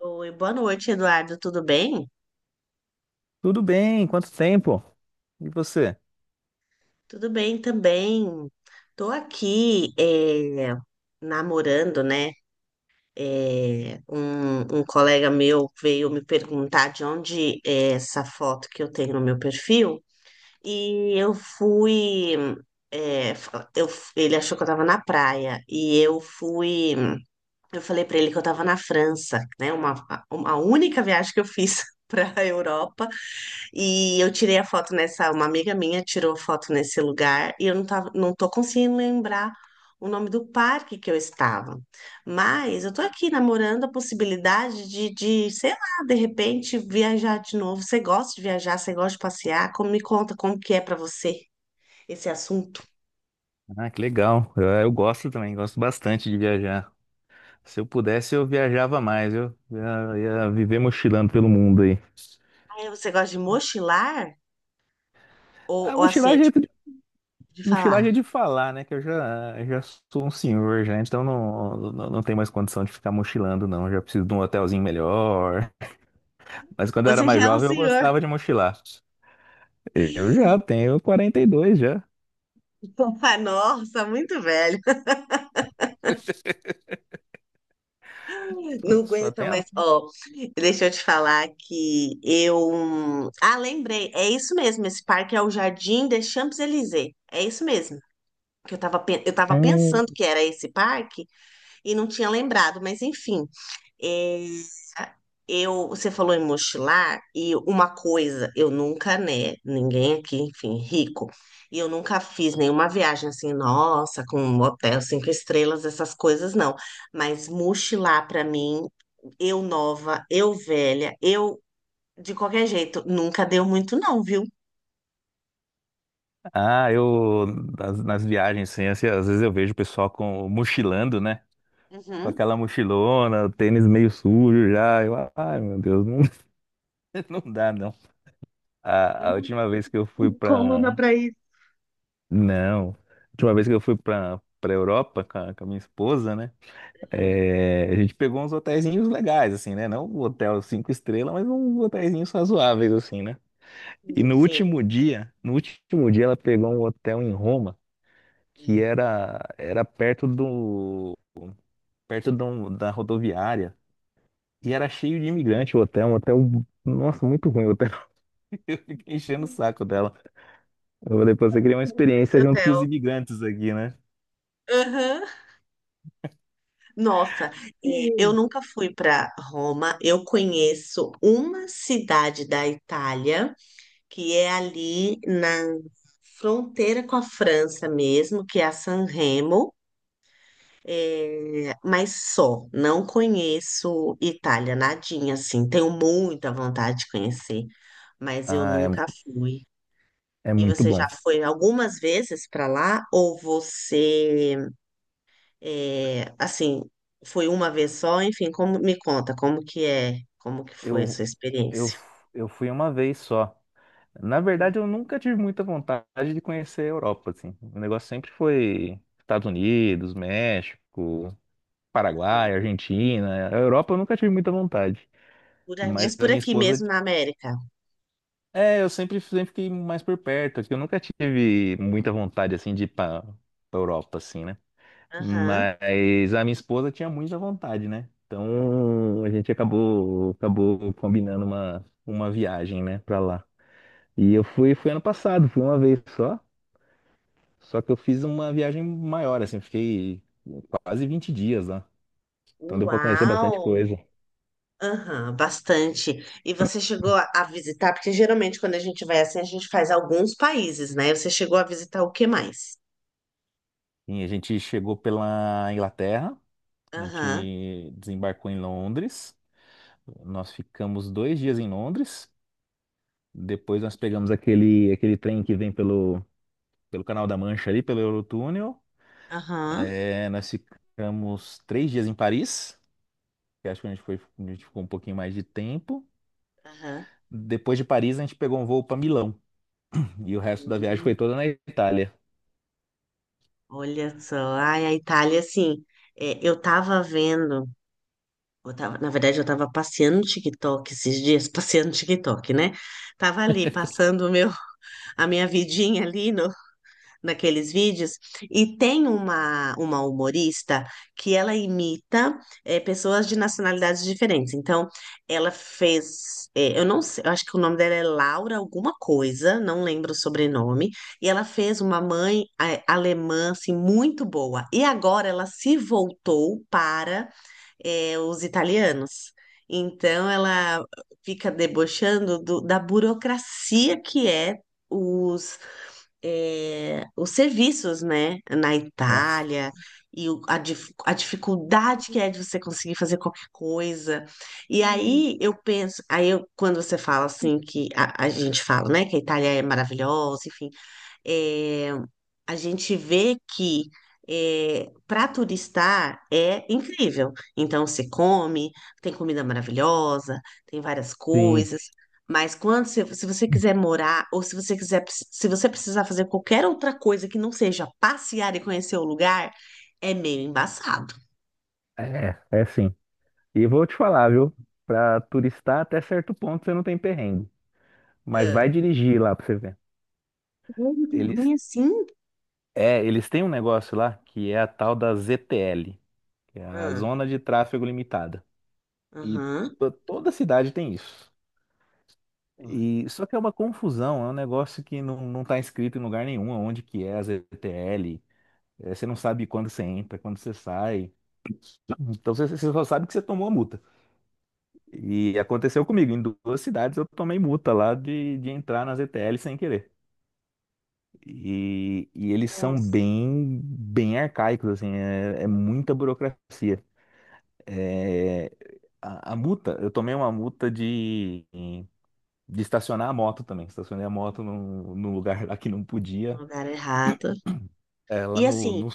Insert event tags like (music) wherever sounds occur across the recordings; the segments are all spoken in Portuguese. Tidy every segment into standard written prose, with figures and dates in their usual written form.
Oi, boa noite, Eduardo. Tudo bem? Tudo bem? Quanto tempo? E você? Tudo bem também. Tô aqui namorando, né? Um colega meu veio me perguntar de onde é essa foto que eu tenho no meu perfil e eu fui. é, eu- Ele achou que eu tava na praia e eu fui. Eu falei pra ele que eu tava na França, né? Uma única viagem que eu fiz (laughs) para a Europa. E eu tirei a foto nessa, uma amiga minha tirou foto nesse lugar e eu não tô conseguindo lembrar o nome do parque que eu estava. Mas eu tô aqui namorando a possibilidade de sei lá, de repente viajar de novo. Você gosta de viajar, você gosta de passear? Como, me conta como que é pra você esse assunto? Ah, que legal. Eu gosto também, gosto bastante de viajar. Se eu pudesse, eu viajava mais, eu ia viver mochilando pelo mundo aí. Ah, é, você gosta de mochilar A ou assim, é mochilagem é jeito tipo de, de mochilar falar? é de falar, né? Que eu já sou um senhor já, então não tenho mais condição de ficar mochilando, não. Já preciso de um hotelzinho melhor. Mas quando eu era Você mais já é um jovem, eu senhor. gostava de mochilar. Eu já tenho 42 já. (laughs) Nossa, muito velho. (laughs) Só, Não só aguento, tenho mas, ó, deixa eu te falar que eu. Ah, lembrei, é isso mesmo, esse parque é o Jardim des Champs-Élysées, é isso mesmo. Que eu tava, eu a. tava pensando que era esse parque e não tinha lembrado, mas enfim. É, eu, você falou em mochilar, e uma coisa, eu nunca, né, ninguém aqui, enfim, rico, e eu nunca fiz nenhuma viagem assim, nossa, com um hotel cinco estrelas, essas coisas, não. Mas mochilar pra mim, eu nova, eu velha, eu de qualquer jeito, nunca deu muito não, viu? Ah, eu nas viagens, assim, às vezes eu vejo o pessoal com mochilando, né? Com Uhum. aquela mochilona, o tênis meio sujo já. Ai, meu Deus, não, (laughs) não dá não. Eu A não última vez que eu fui tenho (laughs) coluna pra. pra isso. Não. A última vez que eu fui pra, Europa com a minha esposa, né? Hum, É, a gente pegou uns hotelzinhos legais, assim, né? Não um hotel cinco estrelas, mas uns hotelzinhos razoáveis, assim, né? E no sim. último dia, no último dia ela pegou um hotel em Roma, que Hum. era perto do, da rodoviária. E era cheio de imigrante o hotel, um hotel, nossa, muito ruim o hotel. (laughs) Fiquei enchendo o saco dela. Eu falei, pô, você queria uma Esse experiência junto com os hotel. imigrantes aqui, né? Aham. Nossa, é, eu Sim. nunca fui para Roma. Eu conheço uma cidade da Itália que é ali na fronteira com a França mesmo, que é a San Remo. É, mas só, não conheço Itália, nadinha assim. Tenho muita vontade de conhecer, mas eu Ah, é, nunca fui. é E muito você já bom. foi algumas vezes para lá? Ou você, é, assim, foi uma vez só? Enfim, como, me conta, como que é, como que foi a Eu, sua eu, experiência? eu fui uma vez só. Na verdade, eu nunca tive muita vontade de conhecer a Europa, assim. O negócio sempre foi Estados Unidos, México, Aham. Paraguai, Argentina. A Europa eu nunca tive muita vontade. Por aí, Mas mas a por minha aqui esposa mesmo na América. é, eu sempre, sempre fiquei mais por perto, que eu nunca tive muita vontade, assim, de ir pra Europa, assim, né? Aham. Mas a minha esposa tinha muita vontade, né? Então a gente acabou combinando uma viagem, né, pra lá. E eu fui ano passado, fui uma vez só, só que eu fiz uma viagem maior, assim, fiquei quase 20 dias lá. Então deu pra conhecer bastante Uau! coisa. Aham, bastante. E você chegou a visitar, porque geralmente quando a gente vai assim, a gente faz alguns países, né? Você chegou a visitar o que mais? E a gente chegou pela Inglaterra, a Aham. gente desembarcou em Londres. Nós ficamos 2 dias em Londres. Depois nós pegamos aquele, aquele trem que vem pelo Canal da Mancha ali, pelo Eurotúnel. Aham. É, nós ficamos 3 dias em Paris, que acho que a gente ficou um pouquinho mais de tempo. Aham. Depois de Paris, a gente pegou um voo para Milão. E o resto da viagem foi Hum, toda na Itália. olha só, ai, a Itália, assim, é, eu tava vendo, eu tava, na verdade, eu tava passeando no TikTok esses dias, (laughs) passeando no TikTok, né? Tava ali, passando o meu, a minha vidinha ali no, naqueles vídeos. E tem uma humorista que ela imita pessoas de nacionalidades diferentes. Então, ela fez, eu não sei, eu acho que o nome dela é Laura alguma coisa, não lembro o sobrenome. E ela fez uma mãe alemã, assim, muito boa. E agora ela se voltou para os italianos. Então, ela fica debochando da burocracia que os é, os serviços, né, na Nossa. Itália, e a dificuldade que é de você conseguir fazer qualquer coisa. E aí eu penso, quando você fala assim, que a gente fala, né, que a Itália é maravilhosa, enfim, é, a gente vê que para turistar é incrível. Então, você come, tem comida maravilhosa, tem várias Sim, coisas. Mas quando você, se você quiser morar, ou se você quiser, se você precisar fazer qualquer outra coisa que não seja passear e conhecer o lugar, é meio embaçado. é sim. E vou te falar, viu? Pra turistar até certo ponto você não tem perrengue. Mas vai Ah. dirigir lá pra você ver. Ele tem Eles ruim assim? eles têm um negócio lá que é a tal da ZTL, que é a Ah, Zona de Tráfego Limitada. E aham. Toda cidade tem isso. Ah. E só que é uma confusão, é um negócio que não tá escrito em lugar nenhum onde que é a ZTL. É, você não sabe quando você entra, quando você sai. Então você só sabe que você tomou a multa. E aconteceu comigo, em duas cidades eu tomei multa lá de entrar na ZTL sem querer. E eles são Nossa, bem, bem arcaicos, assim, é muita burocracia. É, a multa, eu tomei uma multa de estacionar a moto também. Estacionei a moto num lugar (laughs) lá que não no podia. lugar errado. É, lá E no, assim, no,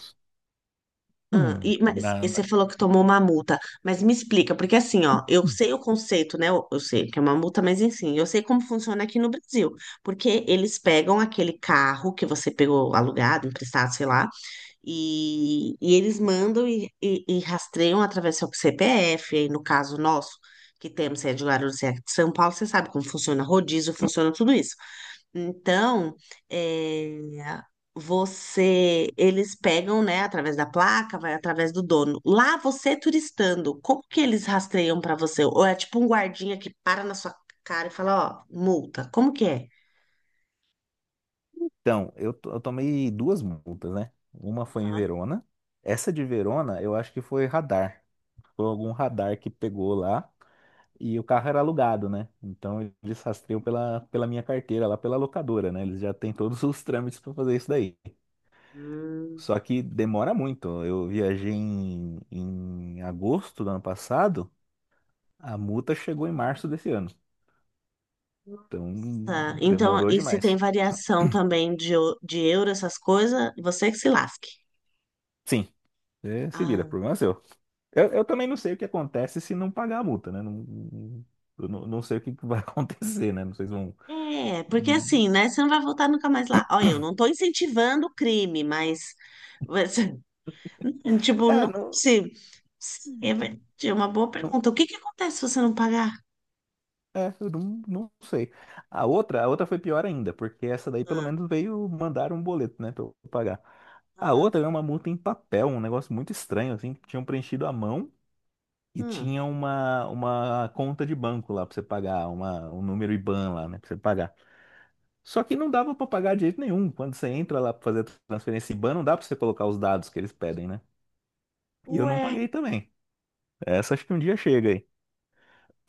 ah, e, (clears throat) mas na, e na- você falou que tomou uma multa, mas me explica, porque assim, ó, eu sei o conceito, né? Eu sei que é uma multa, mas enfim, eu sei como funciona aqui no Brasil, porque eles pegam aquele carro que você pegou alugado, emprestado, sei lá. E, e rastreiam através do CPF, aí no caso nosso, que temos sede de Guarulhos e aqui de São Paulo, você sabe como funciona rodízio, funciona tudo isso. Então, é, você, eles pegam, né, através da placa, vai através do dono. Lá você turistando, como que eles rastreiam para você? Ou é tipo um guardinha que para na sua cara e fala, ó, multa, como que é? Então, eu tomei duas multas, né? Uma foi em Verona. Essa de Verona, eu acho que foi radar. Foi algum radar que pegou lá e o carro era alugado, né? Então eles rastreiam pela minha carteira, lá pela locadora, né? Eles já têm todos (laughs) os trâmites para fazer isso daí. Hum. Só que demora muito. Eu viajei em agosto do ano passado, a multa chegou em março desse ano. Então Tá, então, demorou e se tem demais. variação também de euro, essas coisas, você que se lasque. Sim, é, se vira, Ah, problema é seu. Eu também não sei o que acontece se não pagar a multa, né? Não, eu não sei o que que vai (laughs) acontecer, né? Não sei se vão. é, porque assim, né? Você não vai voltar nunca mais lá. Olha, eu não tô incentivando o crime, mas. você- (laughs) Tipo, não, É, se. É uma boa não. pergunta. O que que acontece se você não pagar? É, eu não sei. A outra foi pior ainda, porque essa daí pelo Ah, menos veio mandar um boleto, né, pra eu pagar. A aham, outra é uma multa em papel, um negócio muito estranho, assim, que tinham preenchido à mão e ah. tinha uma conta de banco lá pra você pagar, um número IBAN lá, né, pra você pagar. Só que não dava pra pagar de jeito nenhum. Quando você entra lá pra fazer a transferência IBAN, não dá pra você colocar os dados que eles pedem, né? E eu Ué, não paguei também. Essa acho que um dia chega aí.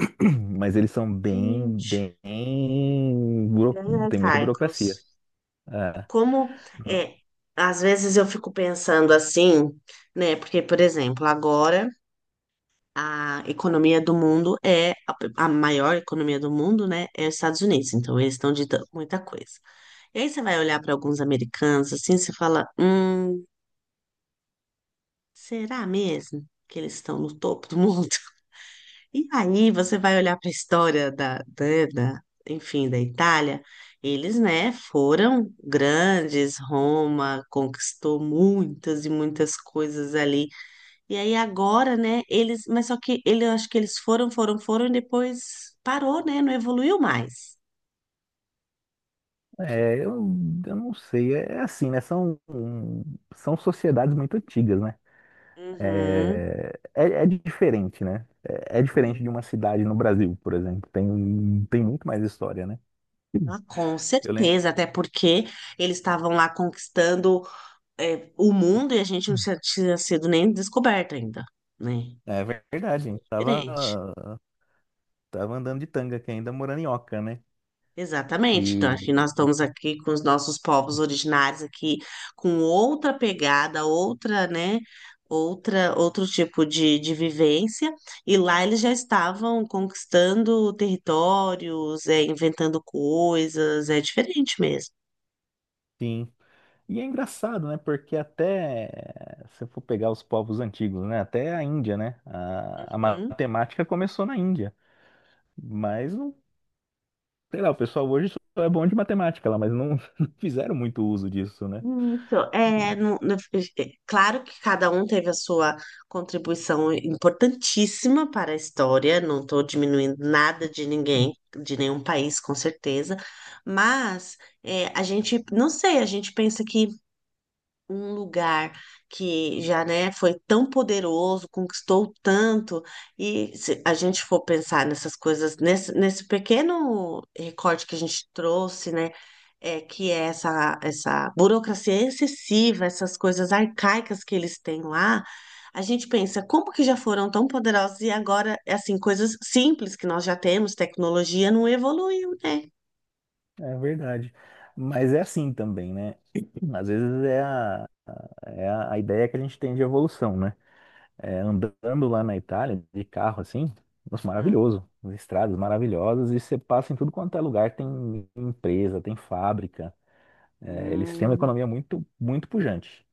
(clears throat) Mas eles são bem, gente. bem. Bem Tem muita burocracia. Carcos. É, Como. É, às vezes eu fico pensando assim, né? Porque, por exemplo, agora, a economia do mundo é a maior economia do mundo, né? É os Estados Unidos. Então eles estão ditando muita coisa. E aí você vai olhar para alguns americanos assim, você fala, será mesmo que eles estão no topo do mundo? (laughs) E aí você vai olhar para a história da enfim, da Itália. Eles, né, foram grandes, Roma conquistou muitas e muitas coisas ali e aí agora, né, eles, mas só que ele, eu acho que eles foram e depois parou, né, não evoluiu mais. é, eu não sei. É assim, né? São sociedades muito antigas, né? Uhum. É, é diferente, né? É É. diferente de uma cidade no Brasil, por exemplo. Tem muito mais história, né? Sim. Ah, com Eu lembro. certeza, até porque eles estavam lá conquistando, é, o mundo e a gente não tinha sido nem descoberto ainda, né? É verdade, a gente Diferente. tava andando de tanga aqui ainda, morando em Oca, né? Exatamente. Então, acho que nós E estamos aqui com os nossos povos originários aqui, com outra pegada, outra, né, outra, outro tipo de vivência, e lá eles já estavam conquistando territórios, é, inventando coisas, é diferente mesmo. Sim. E é engraçado, né? Porque até se eu for pegar os povos antigos, né? Até a Índia, né? A Uhum. matemática começou na Índia. Mas, sei lá, o pessoal hoje só é bom de matemática lá, mas não, (laughs) não fizeram muito uso disso, né? Isso, é, é, é, claro que cada um teve a sua contribuição importantíssima para a história, não estou diminuindo nada de ninguém, de nenhum país, com certeza, mas é, a gente, não sei, a gente pensa que um lugar que já, né, foi tão poderoso, conquistou tanto, e se a gente for pensar nessas coisas, nesse pequeno recorte que a gente trouxe, né, é, que é essa burocracia excessiva, essas coisas arcaicas que eles têm lá, a gente pensa, como que já foram tão poderosos e agora, assim, coisas simples que nós já temos, tecnologia não evoluiu, né? É verdade. Mas é assim também, né? Às vezes é a ideia que a gente tem de evolução, né? Andando lá na Itália, de carro assim, nossa, Hum, maravilhoso. As estradas maravilhosas e você passa em tudo quanto é lugar, tem empresa, tem fábrica. É, eles têm uma hum, economia muito, muito pujante.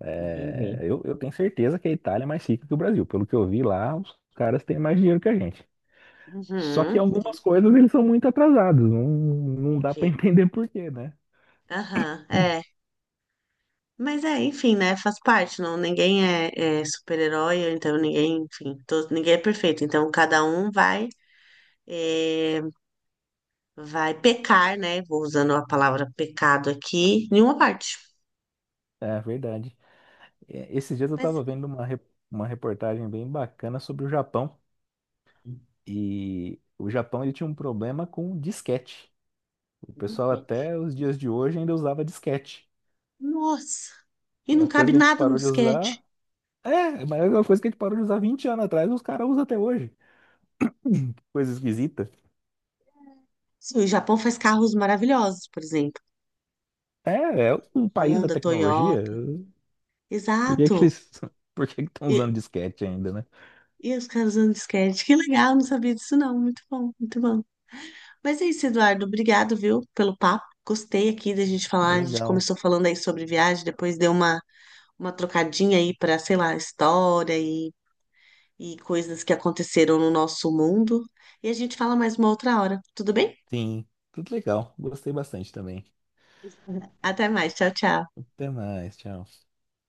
É, entendi. eu tenho certeza que a Itália é mais rica que o Brasil. Pelo que eu vi lá, os caras têm mais dinheiro que a gente. Só que Uhum, algumas coisas eles são muito atrasados, não dá para (laughs) entendi. entender por quê, né? Aham, é. Mas é, enfim, né? Faz parte, não, ninguém é, é super-herói, ou então ninguém, enfim, todo, ninguém é perfeito. Então cada um vai, é, vai pecar, né? Vou usando a palavra pecado aqui, em uma parte. É verdade. Esses dias eu estava vendo uma reportagem bem bacana sobre o Japão. E o Japão ele tinha um problema com disquete. O pessoal Mas até os dias de hoje ainda usava disquete. nossa! E não Uma coisa cabe que a gente nada no parou de disquete. usar. É, mas é uma coisa que a gente parou de usar 20 anos atrás, os caras usam até hoje. Coisa esquisita. Sim, o Japão faz carros maravilhosos, por exemplo. É é um país da Honda, tecnologia. Toyota. Por que que Exato. eles, (laughs) por que que estão usando E, disquete ainda, né? e os caras usando disquete. Que legal, não sabia disso não. Muito bom, muito bom. Mas é isso, Eduardo. Obrigado, viu, pelo papo. Gostei aqui da gente falar. A gente Legal. começou falando aí sobre viagem, depois deu uma trocadinha aí para, sei lá, história e coisas que aconteceram no nosso mundo. E a gente fala mais uma outra hora. Tudo bem? Sim, tudo legal. Gostei bastante também. Até mais. Tchau, tchau. Até mais, tchau.